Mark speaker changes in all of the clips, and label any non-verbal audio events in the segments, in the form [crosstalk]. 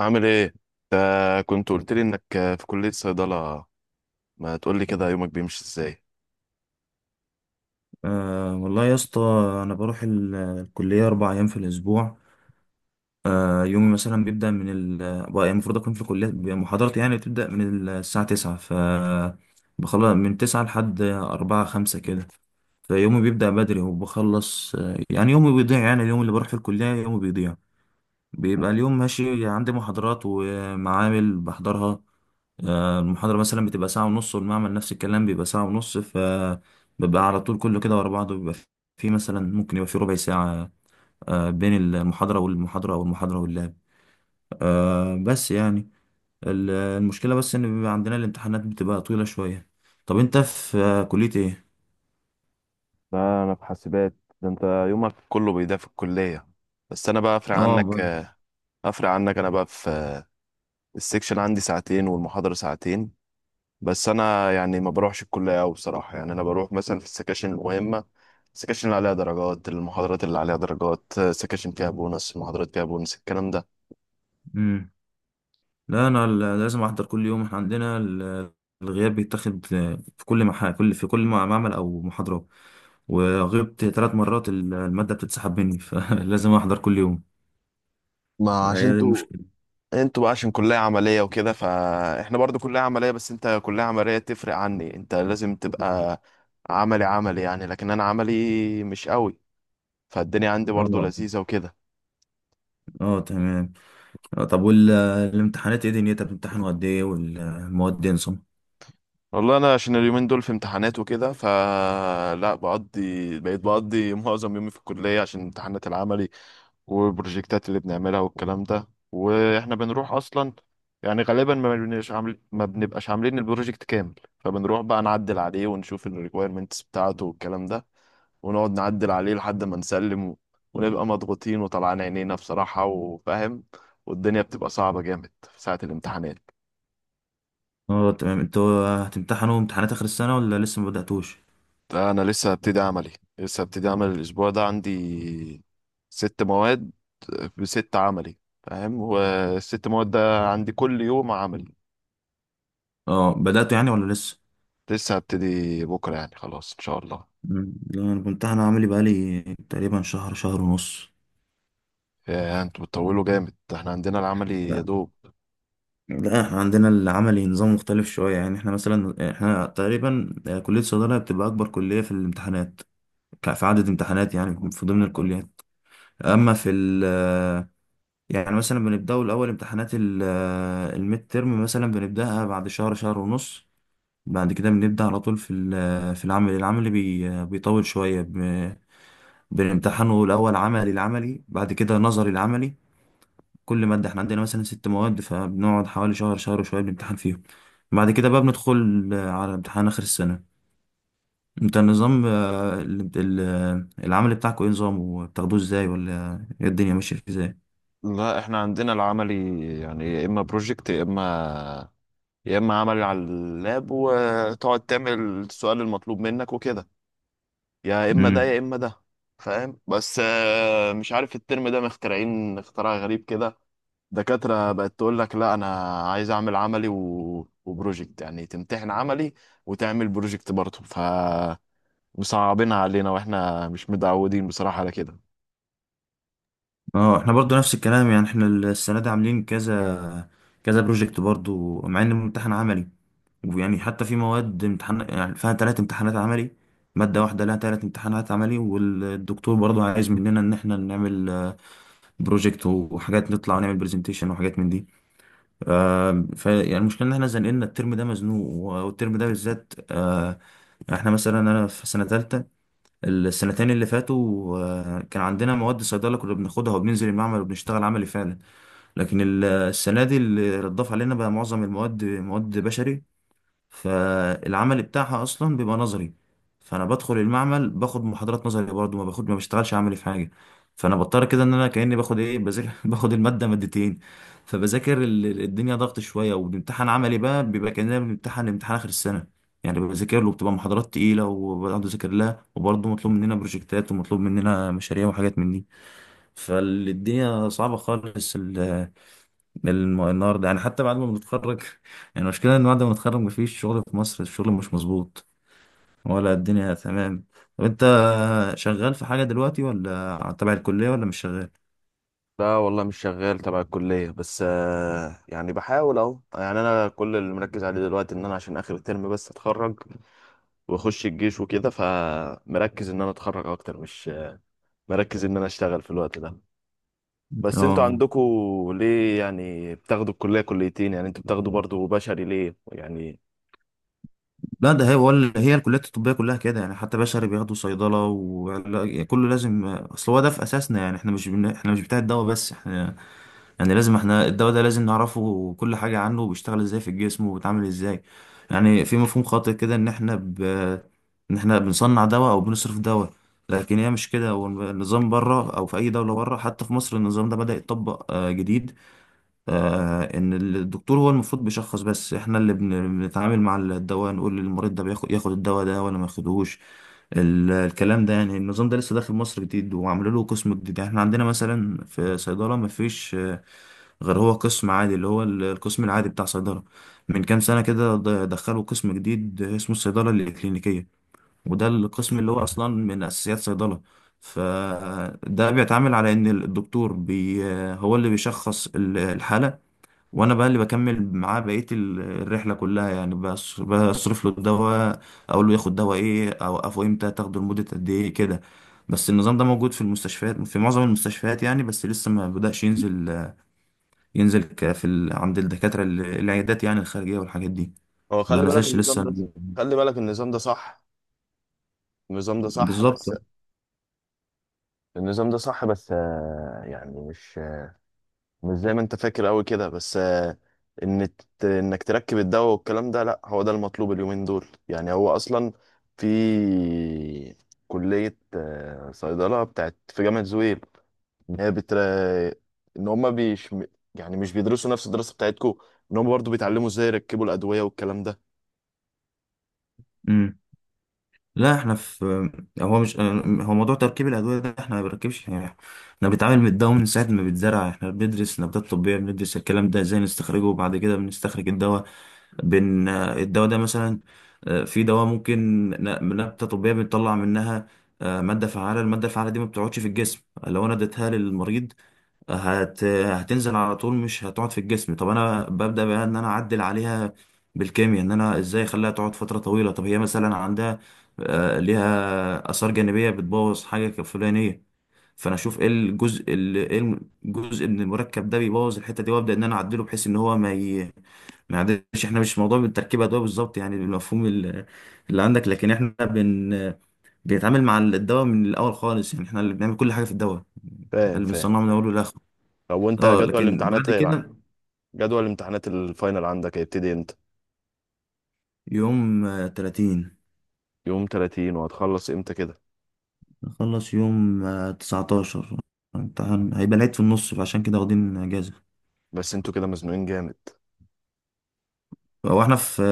Speaker 1: عامل ايه انت؟ كنت قلت لي انك في كلية صيدلة. ما تقول لي كده، يومك بيمشي ازاي؟
Speaker 2: والله يا اسطى، انا بروح الكليه اربع ايام في الاسبوع. يومي مثلا بيبدا من بقى المفروض اكون في الكليه، محاضرتي يعني بتبدا من الساعه 9. بخلص من 9 لحد 4 5 كده، فيومي بيبدا بدري وبخلص. يعني يومي بيضيع، يعني اليوم اللي بروح في الكليه يومي بيضيع، بيبقى اليوم ماشي عندي محاضرات ومعامل بحضرها. المحاضرة مثلا بتبقى ساعة ونص، والمعمل نفس الكلام بيبقى ساعة ونص، فببقى على طول كله كده ورا بعضه. بيبقى في مثلا، ممكن يبقى في ربع ساعة بين المحاضرة والمحاضرة أو المحاضرة واللاب. بس يعني المشكلة بس إن بيبقى عندنا الامتحانات، بتبقى طويلة شوية. طب أنت في كلية إيه؟
Speaker 1: لا، انا في حاسبات. ده انت يومك كله بيضيع في الكلية. بس انا بقى افرق
Speaker 2: اه
Speaker 1: عنك
Speaker 2: ب-
Speaker 1: افرق عنك انا بقى في السكشن. عندي ساعتين والمحاضرة ساعتين. بس انا يعني ما بروحش الكلية قوي بصراحة، يعني انا بروح مثلا في السكاشن المهمة، السكاشن اللي عليها درجات، المحاضرات اللي عليها درجات، السكاشن فيها بونص، المحاضرات فيها بونص، الكلام ده.
Speaker 2: مم. لا انا لازم احضر كل يوم، احنا عندنا الغياب بيتاخد في كل معمل او محاضرة، وغبت ثلاث مرات المادة بتتسحب مني [laughs] فلازم احضر كل يوم.
Speaker 1: ما
Speaker 2: هي
Speaker 1: عشان
Speaker 2: دي
Speaker 1: انتوا
Speaker 2: المشكلة.
Speaker 1: انتوا بقى عشان كلية عملية وكده، فاحنا برضو كلية عملية. بس انت كلية عملية تفرق عني، انت لازم تبقى عملي عملي يعني، لكن انا عملي مش قوي، فالدنيا عندي برضو
Speaker 2: اه،
Speaker 1: لذيذة وكده.
Speaker 2: اه، تمام. طب والامتحانات، ايه دنيتها؟ بتمتحنوا قد ايه؟ والمواد ايه نظام؟
Speaker 1: والله انا عشان اليومين دول في امتحانات وكده، فلا بقيت بقضي [laughs] معظم يومي في الكلية عشان امتحانات العملي والبروجكتات اللي بنعملها والكلام ده. واحنا بنروح اصلا يعني غالبا ما بنبقاش عاملين البروجكت كامل، فبنروح بقى نعدل عليه ونشوف الريكويرمنتس بتاعته والكلام ده، ونقعد نعدل عليه لحد ما نسلم ونبقى مضغوطين وطلعان عينينا بصراحة وفاهم، والدنيا بتبقى صعبة جامد في ساعة الامتحانات.
Speaker 2: اه، تمام. انتوا هتمتحنوا امتحانات اخر السنة ولا لسه ما بدأتوش؟
Speaker 1: ده أنا لسه هبتدي عملي. لسه هبتدي عمل الأسبوع ده، عندي ست مواد، بست عملي. فاهم، والست مواد ده عندي كل يوم عملي.
Speaker 2: اه، بدأتوا يعني ولا لسه؟
Speaker 1: لسه هبتدي بكرة يعني، خلاص إن شاء الله.
Speaker 2: مم. لا انا بامتحن عملي بقالي تقريبا شهر، شهر ونص.
Speaker 1: يا انتوا بتطولوا جامد، ده احنا عندنا العملي يا دوب.
Speaker 2: لا احنا عندنا العملي نظام مختلف شوية، يعني احنا تقريبا كلية الصيدلة بتبقى أكبر كلية في الامتحانات، في عدد امتحانات يعني في ضمن الكليات. أما في ال آه، يعني مثلا بنبدأوا الأول امتحانات الميد ترم، مثلا بنبدأها بعد شهر، شهر ونص. بعد كده بنبدأ على طول في في العمل. العمل بي آه، بيطول شوية بنمتحنه الأول عملي، العملي بعد كده نظري العملي. كل مادة، احنا عندنا مثلا ست مواد، فبنقعد حوالي شهر، شهر وشوية بنمتحن فيهم. بعد كده بقى بندخل على امتحان آخر السنة. انت النظام العمل بتاعكوا ايه نظام؟ وبتاخدوه ازاي؟ ولا ايه الدنيا ماشية ازاي؟
Speaker 1: لا احنا عندنا العملي يعني يا اما بروجكت، يا اما عمل على اللاب وتقعد تعمل السؤال المطلوب منك وكده، يا اما ده
Speaker 2: امم.
Speaker 1: يا اما ده. فاهم، بس مش عارف الترم ده مخترعين اختراع غريب كده. دكاترة بقت تقول لك لا، انا عايز اعمل عملي و... وبروجكت، يعني تمتحن عملي وتعمل بروجكت برضه. فمصعبينها علينا واحنا مش متعودين بصراحة على كده.
Speaker 2: اه، احنا برضو نفس الكلام، يعني احنا السنة دي عاملين كذا كذا بروجكت برضو، مع ان الامتحان عملي. ويعني حتى في مواد امتحان يعني فيها ثلاث امتحانات عملي. مادة واحدة لها ثلاث امتحانات عملي، والدكتور برضو عايز مننا ان احنا نعمل بروجكت وحاجات، نطلع ونعمل برزنتيشن وحاجات من دي. آه ف يعني المشكله ان احنا زنقلنا الترم ده، مزنوق والترم ده بالذات. احنا مثلا، انا في سنه ثالثه. السنتين اللي فاتوا كان عندنا مواد صيدله كنا بناخدها وبننزل المعمل وبنشتغل عملي فعلا. لكن السنه دي اللي اتضاف علينا بقى معظم المواد، مواد بشري، فالعمل بتاعها اصلا بيبقى نظري. فانا بدخل المعمل باخد محاضرات نظري برضه، ما بشتغلش عملي في حاجه. فانا بضطر كده ان انا كاني باخد، ايه، بذاكر [laughs] باخد الماده مادتين. فبذاكر الدنيا ضغط شويه، وبنمتحن عملي بقى، بيبقى كاننا بنمتحن امتحان اخر السنه. يعني بذاكر له، بتبقى محاضرات تقيله وبقعد اذاكر لها، وبرضه مطلوب مننا بروجكتات، ومطلوب مننا مشاريع وحاجات من دي. فالدنيا صعبه خالص. النهارده، يعني حتى بعد ما بنتخرج [laughs] يعني المشكلة إن بعد ما نتخرج مفيش شغل في مصر، الشغل مش مظبوط ولا الدنيا تمام. طب أنت شغال في حاجة دلوقتي ولا تبع الكلية، ولا مش شغال؟
Speaker 1: لا والله مش شغال تبع الكلية، بس يعني بحاول اهو. يعني انا كل اللي مركز عليه دلوقتي ان انا عشان اخر الترم بس اتخرج واخش الجيش وكده، فمركز ان انا اتخرج اكتر، مش مركز ان انا اشتغل في الوقت ده. بس انتوا
Speaker 2: اه،
Speaker 1: عندكوا ليه يعني بتاخدوا الكلية كليتين؟ يعني انتوا بتاخدوا برضو بشري ليه يعني؟
Speaker 2: لا ده هي، ولا هي الكليات الطبية كلها كده، يعني حتى بشري بياخدوا صيدلة، وكله لازم. أصل هو ده في أساسنا، يعني إحنا مش بتاع الدواء بس، إحنا يعني لازم، احنا الدواء ده لازم نعرفه كل حاجة عنه، وبيشتغل ازاي في الجسم، وبيتعمل ازاي. يعني في مفهوم خاطئ كده ان احنا بنصنع دواء او بنصرف دواء، لكن هي مش كده. والنظام بره، او في اي دولة بره، حتى في مصر النظام ده بدأ يتطبق جديد. ان الدكتور هو المفروض بيشخص بس، احنا اللي بنتعامل مع الدواء، نقول للمريض ده ياخد الدواء ده ولا ما ياخدهوش. الكلام ده يعني، النظام ده لسه داخل مصر جديد، وعملوا له قسم جديد. يعني احنا عندنا مثلا في صيدلة ما فيش غير هو قسم عادي، اللي هو القسم العادي بتاع صيدلة. من كام سنة كده دخلوا قسم جديد اسمه الصيدلة الإكلينيكية، وده القسم اللي هو أصلا من أساسيات صيدلة. فده بيتعامل على إن الدكتور بي آه، هو اللي بيشخص الحالة، وانا بقى اللي بكمل معاه بقيه الرحله كلها، يعني بصرف له الدواء، اقول له ياخد دواء ايه، اوقفه امتى، تاخده لمده قد ايه كده. بس النظام ده موجود في المستشفيات، في معظم المستشفيات يعني، بس لسه ما بدأش ينزل. عند الدكاتره، العيادات يعني الخارجيه، والحاجات دي،
Speaker 1: هو
Speaker 2: ما
Speaker 1: خلي بالك
Speaker 2: نزلش
Speaker 1: النظام
Speaker 2: لسه.
Speaker 1: ده، خلي بالك النظام ده صح، النظام ده صح
Speaker 2: بالظبط.
Speaker 1: بس، النظام ده صح، بس يعني مش زي ما انت فاكر قوي كده، بس ان انك تركب الدواء والكلام ده، لا هو ده المطلوب اليومين دول يعني. هو اصلا في كلية صيدلة بتاعت في جامعة زويل، ان هي بتر... ان هما بيش يعني مش بيدرسوا نفس الدراسة بتاعتكم، ان هما برضو بيتعلموا ازاي يركبوا الأدوية والكلام ده.
Speaker 2: لا احنا في هو مش هو موضوع تركيب الادويه ده احنا ما بنركبش يعني. احنا بنتعامل من الدواء من ساعه ما بيتزرع، احنا بندرس نباتات طبيه، بندرس الكلام ده ازاي نستخرجه، وبعد كده بنستخرج الدواء. الدواء ده مثلا في دواء ممكن نبته طبيه بنطلع منها ماده فعاله. الماده الفعاله دي ما بتقعدش في الجسم، لو انا اديتها للمريض هتنزل على طول، مش هتقعد في الجسم. طب انا ببدأ بقى ان انا اعدل عليها بالكيمياء، ان انا ازاي اخليها تقعد فترة طويلة. طب هي مثلا عندها آه، ليها آثار جانبية بتبوظ حاجة فلانية، فانا اشوف ايه الجزء، ال- ايه الجزء من المركب ده بيبوظ الحتة دي، وابدأ ان انا اعدله، بحيث ان هو ما يعدلش. احنا مش موضوع بالتركيب ادوية بالظبط، يعني المفهوم اللي عندك. لكن احنا بنتعامل مع الدواء من الاول خالص، يعني احنا اللي بنعمل كل حاجة في الدواء،
Speaker 1: فاهم،
Speaker 2: اللي
Speaker 1: فاهم.
Speaker 2: بنصنعه من اوله لاخره.
Speaker 1: طب وانت
Speaker 2: اه،
Speaker 1: جدول
Speaker 2: لكن
Speaker 1: الامتحانات
Speaker 2: بعد كده
Speaker 1: جدول الامتحانات الفاينل عندك هيبتدي امتى؟
Speaker 2: يوم تلاتين.
Speaker 1: يوم 30. وهتخلص امتى كده؟
Speaker 2: نخلص يوم تسعتاشر، امتحان هيبقى العيد في النص، فعشان كده واخدين اجازة.
Speaker 1: بس انتوا كده مزنوقين جامد.
Speaker 2: هو احنا في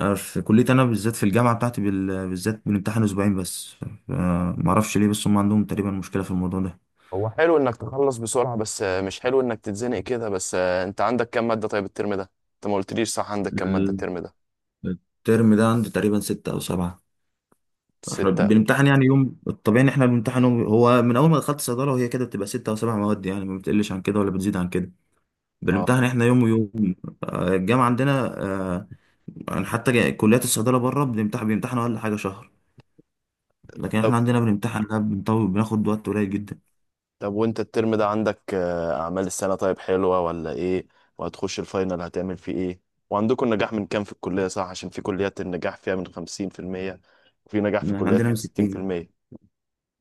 Speaker 2: آه، في كلية، انا بالذات في الجامعة بتاعتي بالذات بنمتحن اسبوعين بس. ف- معرفش ليه، بس هم عندهم تقريبا مشكلة في الموضوع ده.
Speaker 1: هو حلو انك تخلص بسرعة، بس مش حلو انك تتزنق كده، بس انت عندك كام مادة؟ طيب الترم ده انت ما قلتليش صح، عندك كام مادة
Speaker 2: ال-
Speaker 1: الترم ده؟
Speaker 2: الترم ده عندي تقريبا ستة او سبعة. احنا
Speaker 1: ستة.
Speaker 2: بنمتحن يعني يوم، الطبيعي ان احنا بنمتحن هو من اول ما دخلت صيدلة، وهي كده بتبقى ستة او سبع مواد يعني، ما بتقلش عن كده ولا بتزيد عن كده.
Speaker 1: اه،
Speaker 2: بنمتحن احنا يوم ويوم، الجامعة عندنا يعني حتى كليات الصيدلة بره، بيمتحنوا أقل حاجة شهر. لكن
Speaker 1: طب
Speaker 2: احنا عندنا بنمتحن، لا بنطول، بناخد وقت قليل جدا.
Speaker 1: طب وانت الترم ده عندك اعمال السنة طيب حلوة ولا ايه؟ وهتخش الفاينل هتعمل فيه ايه؟ وعندكم نجاح من كام في الكلية؟ صح، عشان في كليات النجاح فيها من 50%، وفي نجاح في
Speaker 2: يعني احنا
Speaker 1: كليات
Speaker 2: عندنا
Speaker 1: من
Speaker 2: من
Speaker 1: ستين في
Speaker 2: 60،
Speaker 1: المية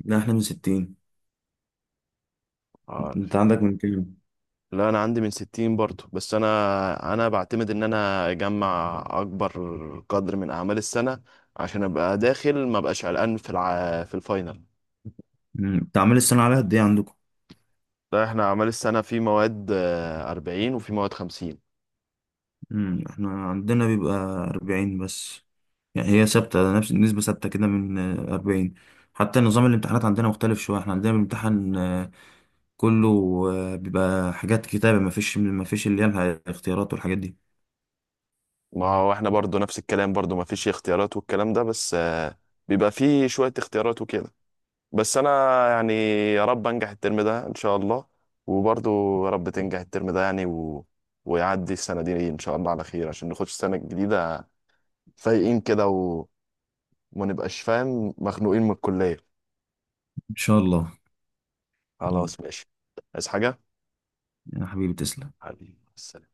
Speaker 2: لا احنا من 60.
Speaker 1: اه،
Speaker 2: انت عندك من كام؟
Speaker 1: لا انا عندي من 60 برضه، بس انا بعتمد ان انا اجمع اكبر قدر من اعمال السنه عشان ابقى داخل، ما بقاش قلقان في الفاينل.
Speaker 2: مم، تعمل السنة عليها قد ايه عندكم؟
Speaker 1: لا احنا اعمال السنه في مواد 40 وفي مواد 50.
Speaker 2: مم، احنا عندنا بيبقى 40 بس، يعني هي ثابتة، نفس نسبة ثابتة كده من 40. حتى نظام الامتحانات عندنا مختلف شوية، احنا عندنا بنمتحن كله بيبقى حاجات كتابة، مفيش اللي هي الاختيارات والحاجات دي.
Speaker 1: ما هو احنا برضه نفس الكلام، برضه ما فيش اختيارات والكلام ده، بس بيبقى فيه شويه اختيارات وكده. بس انا يعني، يا رب انجح الترم ده ان شاء الله، وبرضه يا رب تنجح الترم ده يعني ويعدي السنه دي ان شاء الله على خير عشان نخش السنه الجديده فايقين كده، وما نبقاش فاهم مخنوقين من الكلية.
Speaker 2: ان شاء الله. يلا،
Speaker 1: خلاص ماشي. عايز حاجة؟
Speaker 2: يا حبيبي تسلم.
Speaker 1: حبيبي السلام.